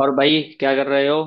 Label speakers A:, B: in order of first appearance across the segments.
A: और भाई क्या कर रहे हो?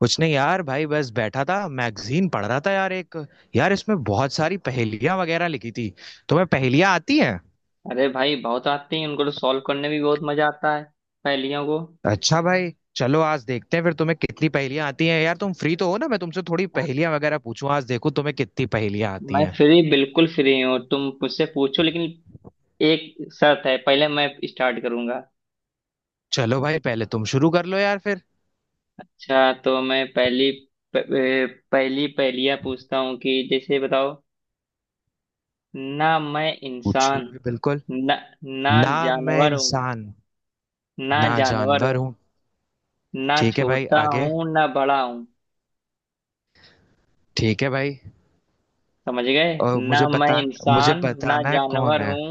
B: कुछ नहीं यार भाई बस बैठा था मैगजीन पढ़ रहा था यार एक। यार इसमें बहुत सारी पहेलियां वगैरह लिखी थी। तुम्हें पहेलियां आती हैं।
A: अरे भाई बहुत आती हैं। उनको तो सॉल्व करने में भी बहुत मजा आता है, पहेलियों को।
B: अच्छा भाई चलो आज देखते हैं फिर तुम्हें कितनी पहेलियां आती हैं यार। तुम फ्री तो हो ना, मैं तुमसे थोड़ी
A: हाँ,
B: पहेलियां वगैरह पूछूं, आज देखो तुम्हें कितनी पहेलियां आती
A: मैं
B: हैं।
A: फ्री बिल्कुल फ्री हूँ, तुम मुझसे पूछो, लेकिन एक शर्त है, पहले मैं स्टार्ट करूंगा।
B: चलो भाई पहले तुम शुरू कर लो यार फिर।
A: अच्छा, तो मैं पहली प- ए, पहली पहेलियाँ पूछता हूँ कि जैसे बताओ, ना मैं
B: पूछो
A: इंसान,
B: भाई बिल्कुल।
A: ना ना
B: ना मैं
A: जानवर हूँ।
B: इंसान
A: ना
B: ना
A: जानवर
B: जानवर
A: हूँ,
B: हूँ।
A: ना
B: ठीक है भाई,
A: छोटा
B: आगे।
A: हूँ, ना बड़ा हूँ।
B: ठीक है भाई।
A: समझ गए?
B: और
A: ना
B: मुझे
A: मैं
B: बता, मुझे
A: इंसान, ना
B: बताना है कौन
A: जानवर
B: है।
A: हूँ।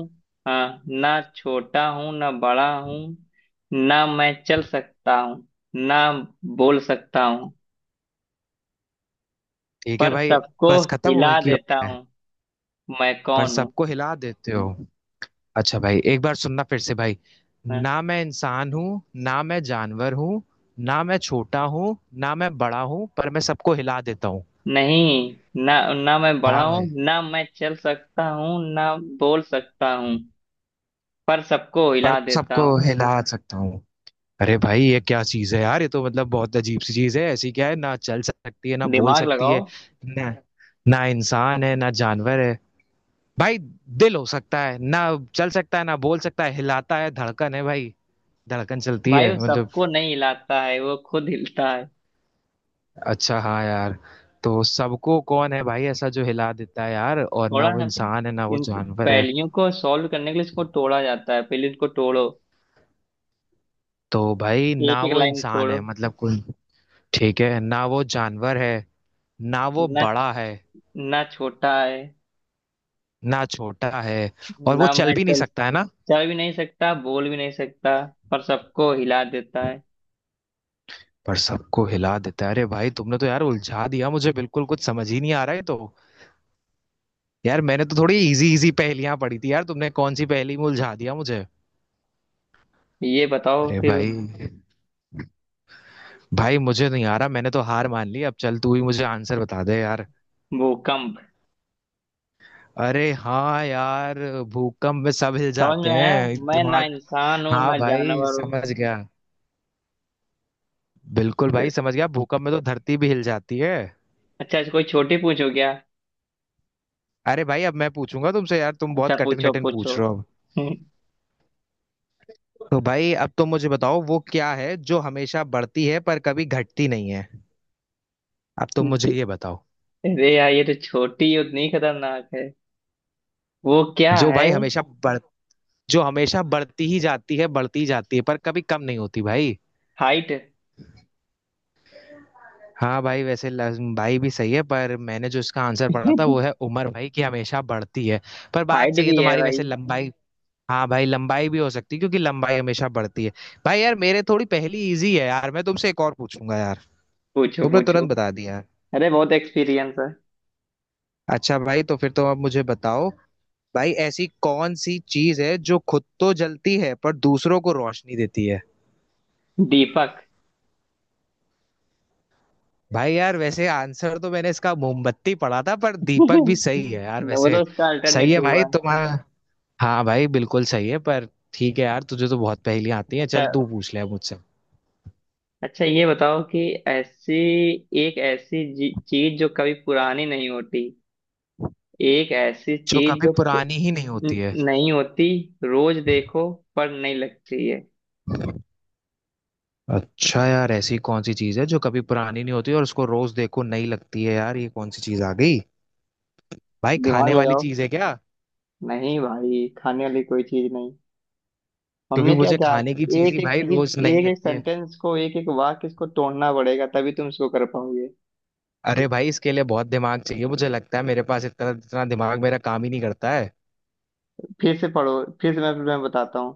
A: हाँ, ना छोटा हूँ ना बड़ा हूँ, ना मैं चल सकता हूँ ना बोल सकता हूँ,
B: ठीक है
A: पर
B: भाई,
A: सबको
B: बस खत्म हो गई
A: हिला
B: कि
A: देता हूँ। मैं
B: पर
A: कौन हूँ?
B: सबको हिला देते हो। अच्छा भाई एक बार सुनना फिर से भाई।
A: हाँ,
B: ना मैं इंसान हूँ, ना मैं जानवर हूँ, ना मैं छोटा हूँ ना मैं बड़ा हूँ, पर मैं सबको हिला देता हूँ।
A: नहीं, ना ना मैं बड़ा
B: हाँ भाई,
A: हूँ ना मैं चल सकता हूँ ना बोल सकता हूँ, पर सबको
B: पर
A: हिला देता
B: सबको
A: हूँ।
B: हिला सकता हूँ। अरे भाई ये क्या चीज है यार, ये तो मतलब बहुत अजीब सी चीज है, ऐसी क्या है ना चल सकती है ना बोल
A: दिमाग
B: सकती
A: लगाओ।
B: है। ना, ना इंसान है ना जानवर है। भाई दिल हो सकता है ना? चल सकता है ना बोल सकता है, हिलाता है, धड़कन है भाई। धड़कन चलती
A: भाई वो
B: है मतलब।
A: सबको नहीं हिलाता है, वो खुद हिलता है।
B: अच्छा हाँ यार। तो सबको कौन है भाई ऐसा जो हिला देता है यार, और ना
A: थोड़ा,
B: वो इंसान है ना वो
A: इन
B: जानवर है।
A: पहेलियों को सॉल्व करने के लिए इसको तोड़ा जाता है, पहले इनको तोड़ो।
B: तो भाई
A: एक
B: ना
A: एक
B: वो
A: लाइन
B: इंसान
A: तोड़ो।
B: है मतलब कोई। ठीक है, ना वो जानवर है, ना वो
A: ना,
B: बड़ा है,
A: ना छोटा है,
B: ना छोटा है, और वो
A: ना मैं
B: चल भी नहीं
A: चल
B: सकता है ना।
A: चल भी नहीं सकता, बोल भी नहीं सकता, पर सबको हिला देता है।
B: पर सबको हिला देता है। अरे भाई तुमने तो यार उलझा दिया मुझे, बिल्कुल कुछ समझ ही नहीं आ रहा है तो। यार मैंने तो थोड़ी इजी इजी पहेलियां पढ़ी थी यार, तुमने कौन सी पहेली में उलझा दिया मुझे।
A: ये बताओ
B: अरे
A: फिर।
B: भाई, भाई मुझे नहीं आ रहा, मैंने तो हार मान ली, अब चल तू ही मुझे आंसर बता दे यार।
A: भूकंप।
B: अरे हाँ यार, भूकंप में सब हिल
A: समझ में
B: जाते
A: आया,
B: हैं,
A: मैं ना
B: दिमाग।
A: इंसान हूँ
B: हाँ
A: ना
B: भाई
A: जानवर हूँ।
B: समझ गया। बिल्कुल भाई समझ गया, भूकंप में तो धरती भी हिल जाती है।
A: अच्छा, ऐसे कोई छोटी पूछो क्या।
B: अरे भाई अब मैं पूछूंगा तुमसे यार, तुम
A: अच्छा,
B: बहुत कठिन
A: पूछो
B: कठिन
A: पूछो।
B: पूछ रहे हो।
A: हम्म।
B: तो भाई अब तुम मुझे बताओ, वो क्या है जो हमेशा बढ़ती है पर कभी घटती नहीं है। अब तुम
A: ज-
B: मुझे ये बताओ।
A: अरे यार, ये तो छोटी और नहीं, खतरनाक है। वो क्या
B: जो
A: है?
B: भाई हमेशा बढ़ जो हमेशा बढ़ती ही जाती है, बढ़ती ही जाती है, पर कभी कम नहीं होती भाई।
A: हाइट।
B: हाँ भाई वैसे भाई भी सही है, पर मैंने जो इसका आंसर पढ़ा था वो है उम्र भाई, की हमेशा बढ़ती है। पर बात
A: हाइट
B: सही है
A: भी है
B: तुम्हारी
A: भाई।
B: वैसे, लंबाई। हाँ भाई लंबाई भी हो सकती है क्योंकि लंबाई हमेशा बढ़ती है। भाई यार मेरे थोड़ी पहली इजी है यार, मैं तुमसे एक और पूछूंगा यार।
A: पूछो
B: तुमने
A: पूछो।
B: तुरंत बता दिया यार।
A: अरे बहुत एक्सपीरियंस है।
B: अच्छा भाई तो फिर तुम अब मुझे बताओ, भाई ऐसी कौन सी चीज है जो खुद तो जलती है पर दूसरों को रोशनी देती है।
A: दीपक।
B: भाई यार वैसे आंसर तो मैंने इसका मोमबत्ती पढ़ा था, पर दीपक भी सही है यार
A: वो तो
B: वैसे।
A: उसका
B: सही
A: अल्टरनेट
B: है भाई
A: हुआ।
B: तुम्हारा। हाँ भाई बिल्कुल सही है पर। ठीक है यार, तुझे तो बहुत पहेलियां आती हैं, चल
A: अच्छा,
B: तू पूछ ले अब मुझसे।
A: अच्छा ये बताओ कि ऐसी, एक ऐसी चीज जो कभी पुरानी नहीं होती। एक ऐसी
B: जो
A: चीज
B: कभी
A: जो
B: पुरानी ही नहीं होती है।
A: नहीं होती, रोज देखो पर नहीं लगती है।
B: अच्छा यार ऐसी कौन सी चीज है जो कभी पुरानी नहीं होती और उसको रोज देखो नई लगती है यार, ये कौन सी चीज आ गई। भाई
A: दिमाग
B: खाने वाली
A: लगाओ।
B: चीज है क्या?
A: नहीं भाई, खाने वाली कोई चीज नहीं।
B: क्योंकि
A: हमने क्या
B: मुझे
A: कहा?
B: खाने की चीज
A: एक
B: ही
A: एक
B: भाई
A: चीज,
B: रोज नई
A: एक एक
B: लगती है।
A: सेंटेंस को, एक एक वाक्य, इसको तोड़ना पड़ेगा, तभी तुम इसको कर पाओगे।
B: अरे भाई इसके लिए बहुत दिमाग चाहिए, मुझे लगता है मेरे पास इतना इतना दिमाग मेरा काम ही नहीं करता है।
A: फिर से पढ़ो, फिर से मैं बताता हूँ।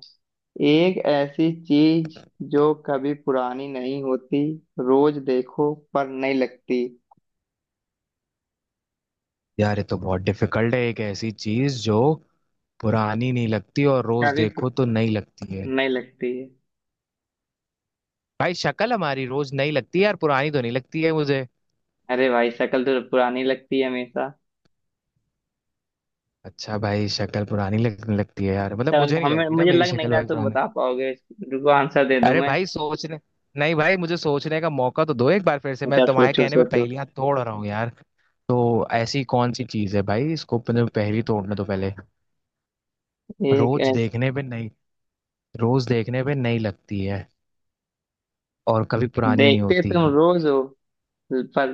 A: एक ऐसी चीज जो कभी पुरानी नहीं होती, रोज देखो पर नहीं लगती।
B: यार ये तो बहुत डिफिकल्ट है, एक ऐसी चीज जो पुरानी नहीं लगती और रोज
A: कभी
B: देखो
A: पुर...
B: तो नई लगती है।
A: नहीं लगती है।
B: भाई शक्ल हमारी रोज नई लगती है यार, पुरानी तो नहीं लगती है मुझे।
A: अरे भाई, शक्ल तो पुरानी लगती है हमेशा।
B: अच्छा भाई शक्ल पुरानी लगने लगती है यार, मतलब
A: अच्छा,
B: मुझे
A: मतलब
B: नहीं
A: हमें,
B: लगती ना
A: मुझे
B: मेरी
A: लग नहीं
B: शक्ल
A: रहा
B: भाई
A: तुम
B: पुरानी।
A: बता पाओगे। रुको, आंसर दे दूं
B: अरे
A: मैं।
B: भाई सोचने, नहीं भाई मुझे सोचने का मौका तो दो, एक बार फिर से मैं
A: अच्छा,
B: तुम्हारे
A: सोचो
B: कहने पे
A: सोचो।
B: पहेलियां तोड़ रहा हूँ यार। तो ऐसी कौन सी चीज है भाई, इसको पहले पहेली तोड़ने तो पहले।
A: एक
B: रोज
A: ऐस-
B: देखने पे नहीं रोज देखने पे नहीं लगती है, और कभी पुरानी नहीं
A: देखते
B: होती।
A: तुम रोज हो, पर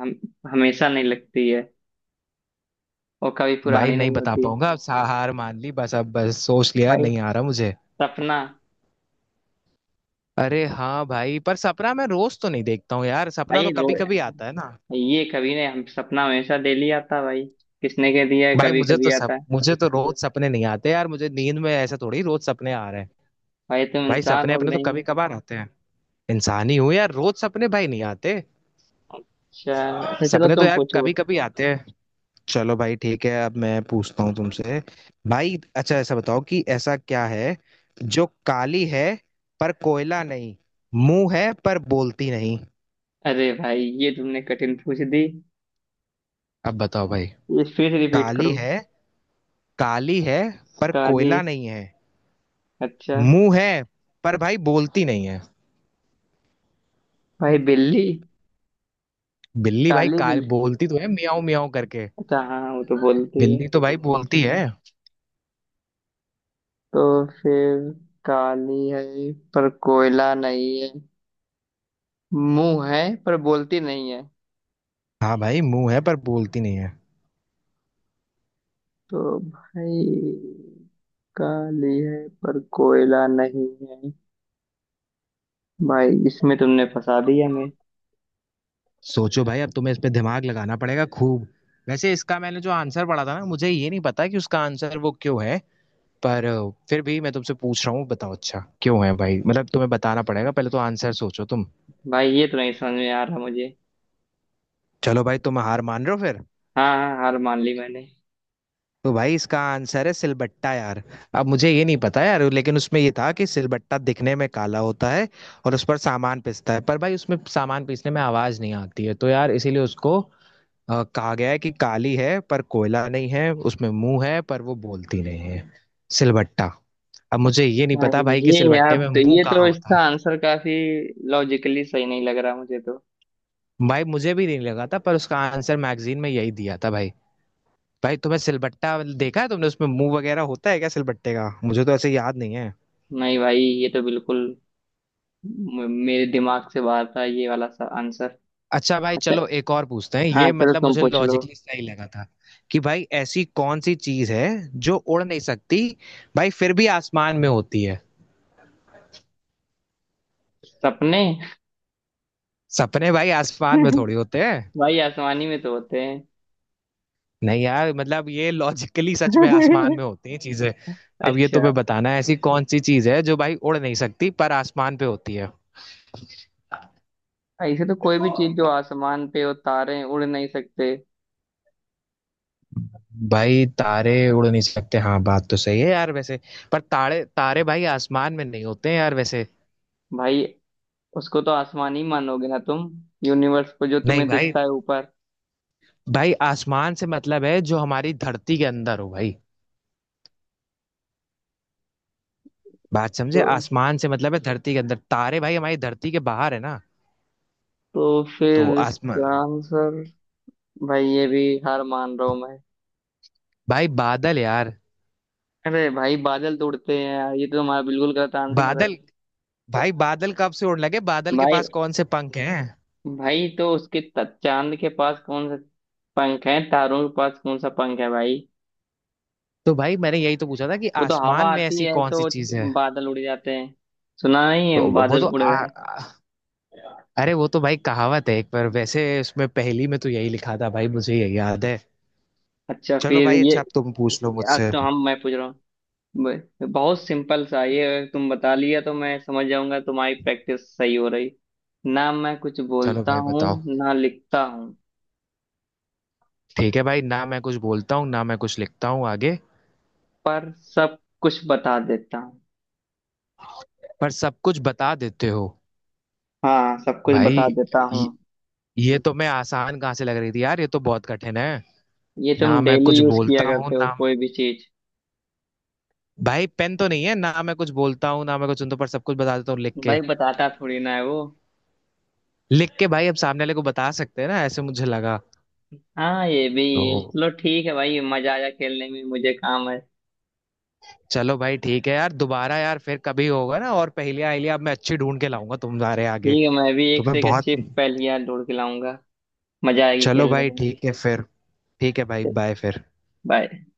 A: हम हमेशा नहीं लगती है, और कभी
B: भाई
A: पुरानी
B: नहीं
A: नहीं
B: बता
A: होती।
B: पाऊंगा, अब हार मान ली, बस अब बस सोच लिया
A: भाई,
B: नहीं आ रहा मुझे।
A: सपना।
B: अरे हाँ भाई, पर सपना मैं रोज तो नहीं देखता हूँ यार, सपना
A: भाई
B: तो
A: रो
B: कभी कभी आता है ना।
A: ये कभी ने, हम सपना हमेशा डेली आता भाई। किसने कह दिया है
B: भाई
A: कभी कभी आता है?
B: मुझे तो रोज सपने नहीं आते यार, मुझे नींद में ऐसा थोड़ी रोज सपने आ रहे हैं।
A: भाई तुम
B: भाई
A: इंसान
B: सपने
A: हो कि
B: अपने तो
A: नहीं?
B: कभी कभार आते हैं। इंसान ही हूँ यार, रोज सपने भाई नहीं आते।
A: शायद। अच्छा चलो,
B: सपने तो
A: तुम
B: यार
A: पूछो।
B: कभी कभी आते हैं। चलो भाई ठीक है, अब मैं पूछता हूँ तुमसे। भाई अच्छा ऐसा बताओ, कि ऐसा क्या है जो काली है पर कोयला नहीं, मुंह है पर बोलती नहीं।
A: अरे भाई, ये तुमने कठिन पूछ दी।
B: अब बताओ भाई।
A: ये फिर रिपीट
B: काली
A: करो।
B: है काली है पर
A: काली।
B: कोयला नहीं है,
A: अच्छा।
B: मुंह है पर भाई बोलती नहीं है।
A: भाई, बिल्ली।
B: बिल्ली भाई
A: काली
B: काल
A: बिल्ली।
B: बोलती तो है मियाऊ मियाऊ करके।
A: अच्छा हाँ, वो तो बोलती है।
B: बिल्ली तो भाई बोलती है।
A: तो फिर, काली है पर कोयला नहीं है, मुंह है पर बोलती नहीं है।
B: हाँ भाई मुंह है पर बोलती नहीं है।
A: तो भाई, काली है पर कोयला नहीं है। भाई इसमें तुमने फंसा दिया मैं।
B: सोचो भाई, अब तुम्हें इस पे दिमाग लगाना पड़ेगा खूब। वैसे इसका मैंने जो आंसर पढ़ा था ना, मुझे ये नहीं पता कि उसका आंसर वो क्यों है, पर फिर भी मैं तुमसे पूछ रहा हूँ, बताओ अच्छा क्यों है भाई, मतलब तुम्हें बताना पड़ेगा, पहले तो आंसर सोचो तुम।
A: भाई ये तो नहीं समझ में आ रहा मुझे।
B: चलो भाई, तुम हार मान रहे हो फिर।
A: हाँ, हाँ, हार मान ली मैंने।
B: तो भाई इसका आंसर है सिलबट्टा यार। अब मुझे ये नहीं पता यार, लेकिन उसमें ये था कि सिलबट्टा दिखने में काला होता है, और उस पर सामान पिसता है, पर भाई उसमें सामान पीसने में आवाज नहीं आती है, तो यार इसीलिए उसको कहा गया है कि काली है पर कोयला नहीं है, उसमें मुंह है पर वो बोलती नहीं है। सिलबट्टा। अब मुझे ये नहीं पता
A: भाई
B: भाई कि सिलबट्टे में मुंह
A: ये तो
B: कहाँ होता
A: इसका
B: है।
A: आंसर काफी लॉजिकली सही नहीं लग रहा मुझे तो।
B: भाई मुझे भी नहीं लगा था, पर उसका आंसर मैगजीन में यही दिया था भाई। भाई तुम्हें सिलबट्टा देखा है तुमने, उसमें मुंह वगैरह होता है क्या सिलबट्टे का, मुझे तो ऐसे याद नहीं है।
A: नहीं भाई, ये तो बिल्कुल मेरे दिमाग से बाहर था ये वाला सा आंसर।
B: अच्छा भाई
A: अच्छा।
B: चलो एक और पूछते हैं,
A: हाँ
B: ये
A: चलो,
B: मतलब
A: तुम
B: मुझे
A: पूछ लो।
B: लॉजिकली सही लगा था। कि भाई ऐसी कौन सी चीज है जो उड़ नहीं सकती, भाई फिर भी आसमान में होती है।
A: सपने।
B: सपने भाई आसमान में थोड़ी होते हैं।
A: भाई, आसमानी में तो होते हैं।
B: नहीं यार मतलब ये लॉजिकली सच में आसमान में होती हैं चीजें। अब ये
A: अच्छा।
B: तुम्हें बताना है, ऐसी कौन सी चीज है जो भाई उड़ नहीं सकती पर आसमान पे होती है।
A: ऐसे तो कोई भी चीज जो आसमान पे हो, तारे उड़ नहीं सकते।
B: भाई तारे उड़ नहीं सकते हाँ, बात तो सही है यार वैसे। पर तारे तारे भाई आसमान में नहीं होते हैं यार वैसे।
A: भाई, उसको तो आसमान ही मानोगे ना तुम, यूनिवर्स को, जो
B: नहीं
A: तुम्हें
B: भाई,
A: दिखता है ऊपर।
B: भाई आसमान से मतलब है जो हमारी धरती के अंदर हो भाई, बात समझे,
A: तो
B: आसमान से मतलब है धरती के अंदर, तारे भाई हमारी धरती के बाहर है ना।
A: तो
B: तो
A: फिर इसका
B: आसमान,
A: आंसर, भाई ये भी हार मान रहा हूं मैं।
B: भाई बादल यार।
A: अरे भाई, बादल तो उड़ते हैं यार, ये तो हमारा बिल्कुल गलत आंसर है।
B: बादल, भाई बादल कब से उड़ने लगे, बादल के
A: भाई,
B: पास कौन से पंख हैं।
A: उसके चांद के पास कौन सा पंख है, तारों के पास कौन सा पंख है भाई?
B: तो भाई मैंने यही तो पूछा था कि
A: वो तो हवा
B: आसमान में
A: आती
B: ऐसी
A: है
B: कौन
A: तो
B: सी चीज है।
A: बादल उड़ जाते हैं। सुना नहीं है,
B: तो वो
A: बादल
B: तो
A: उड़
B: आ,
A: रहे हैं?
B: आ- अरे वो तो भाई कहावत है एक, पर वैसे उसमें पहेली में तो यही लिखा था भाई, मुझे यही याद है।
A: अच्छा
B: चलो
A: फिर
B: भाई
A: ये,
B: अच्छा अब तुम पूछ लो
A: अब
B: मुझसे।
A: तो हम मैं पूछ रहा हूँ। बहुत सिंपल सा ये, अगर तुम बता लिया तो मैं समझ जाऊंगा तुम्हारी प्रैक्टिस सही हो रही। ना मैं कुछ
B: चलो
A: बोलता
B: भाई
A: हूँ
B: बताओ।
A: ना लिखता हूँ,
B: ठीक है भाई, ना मैं कुछ बोलता हूँ ना मैं कुछ लिखता हूँ, आगे।
A: पर सब कुछ बता देता हूँ।
B: पर सब कुछ बता देते हो।
A: हाँ, सब कुछ
B: भाई
A: बता देता हूँ।
B: ये, ये तो मैं आसान कहाँ से लग रही थी यार, ये तो बहुत कठिन है।
A: ये तुम
B: ना मैं
A: डेली
B: कुछ
A: यूज किया
B: बोलता हूँ
A: करते हो,
B: ना,
A: कोई भी चीज।
B: भाई पेन तो नहीं है ना मैं कुछ बोलता हूँ ना मैं कुछ सुनता हूँ, पर सब कुछ बता देता हूँ लिख
A: भाई
B: के।
A: बताता थोड़ी ना है वो।
B: लिख के भाई अब सामने वाले को बता सकते हैं ना, ऐसे मुझे लगा।
A: हाँ, ये भी है।
B: तो
A: चलो ठीक है भाई, मजा आया खेलने में, मुझे काम है।
B: चलो भाई ठीक है यार, दोबारा यार फिर कभी होगा ना, और पहेलियां अहेलियां अब मैं अच्छी ढूंढ के लाऊंगा तुम्हारे आगे।
A: ठीक है, मैं भी एक से
B: तुम्हें
A: एक
B: बहुत।
A: अच्छी पहेलियां ढूंढ के लाऊंगा, मजा आएगी
B: चलो
A: खेलने
B: भाई
A: में।
B: ठीक है फिर। ठीक है भाई, बाय फिर।
A: बाय।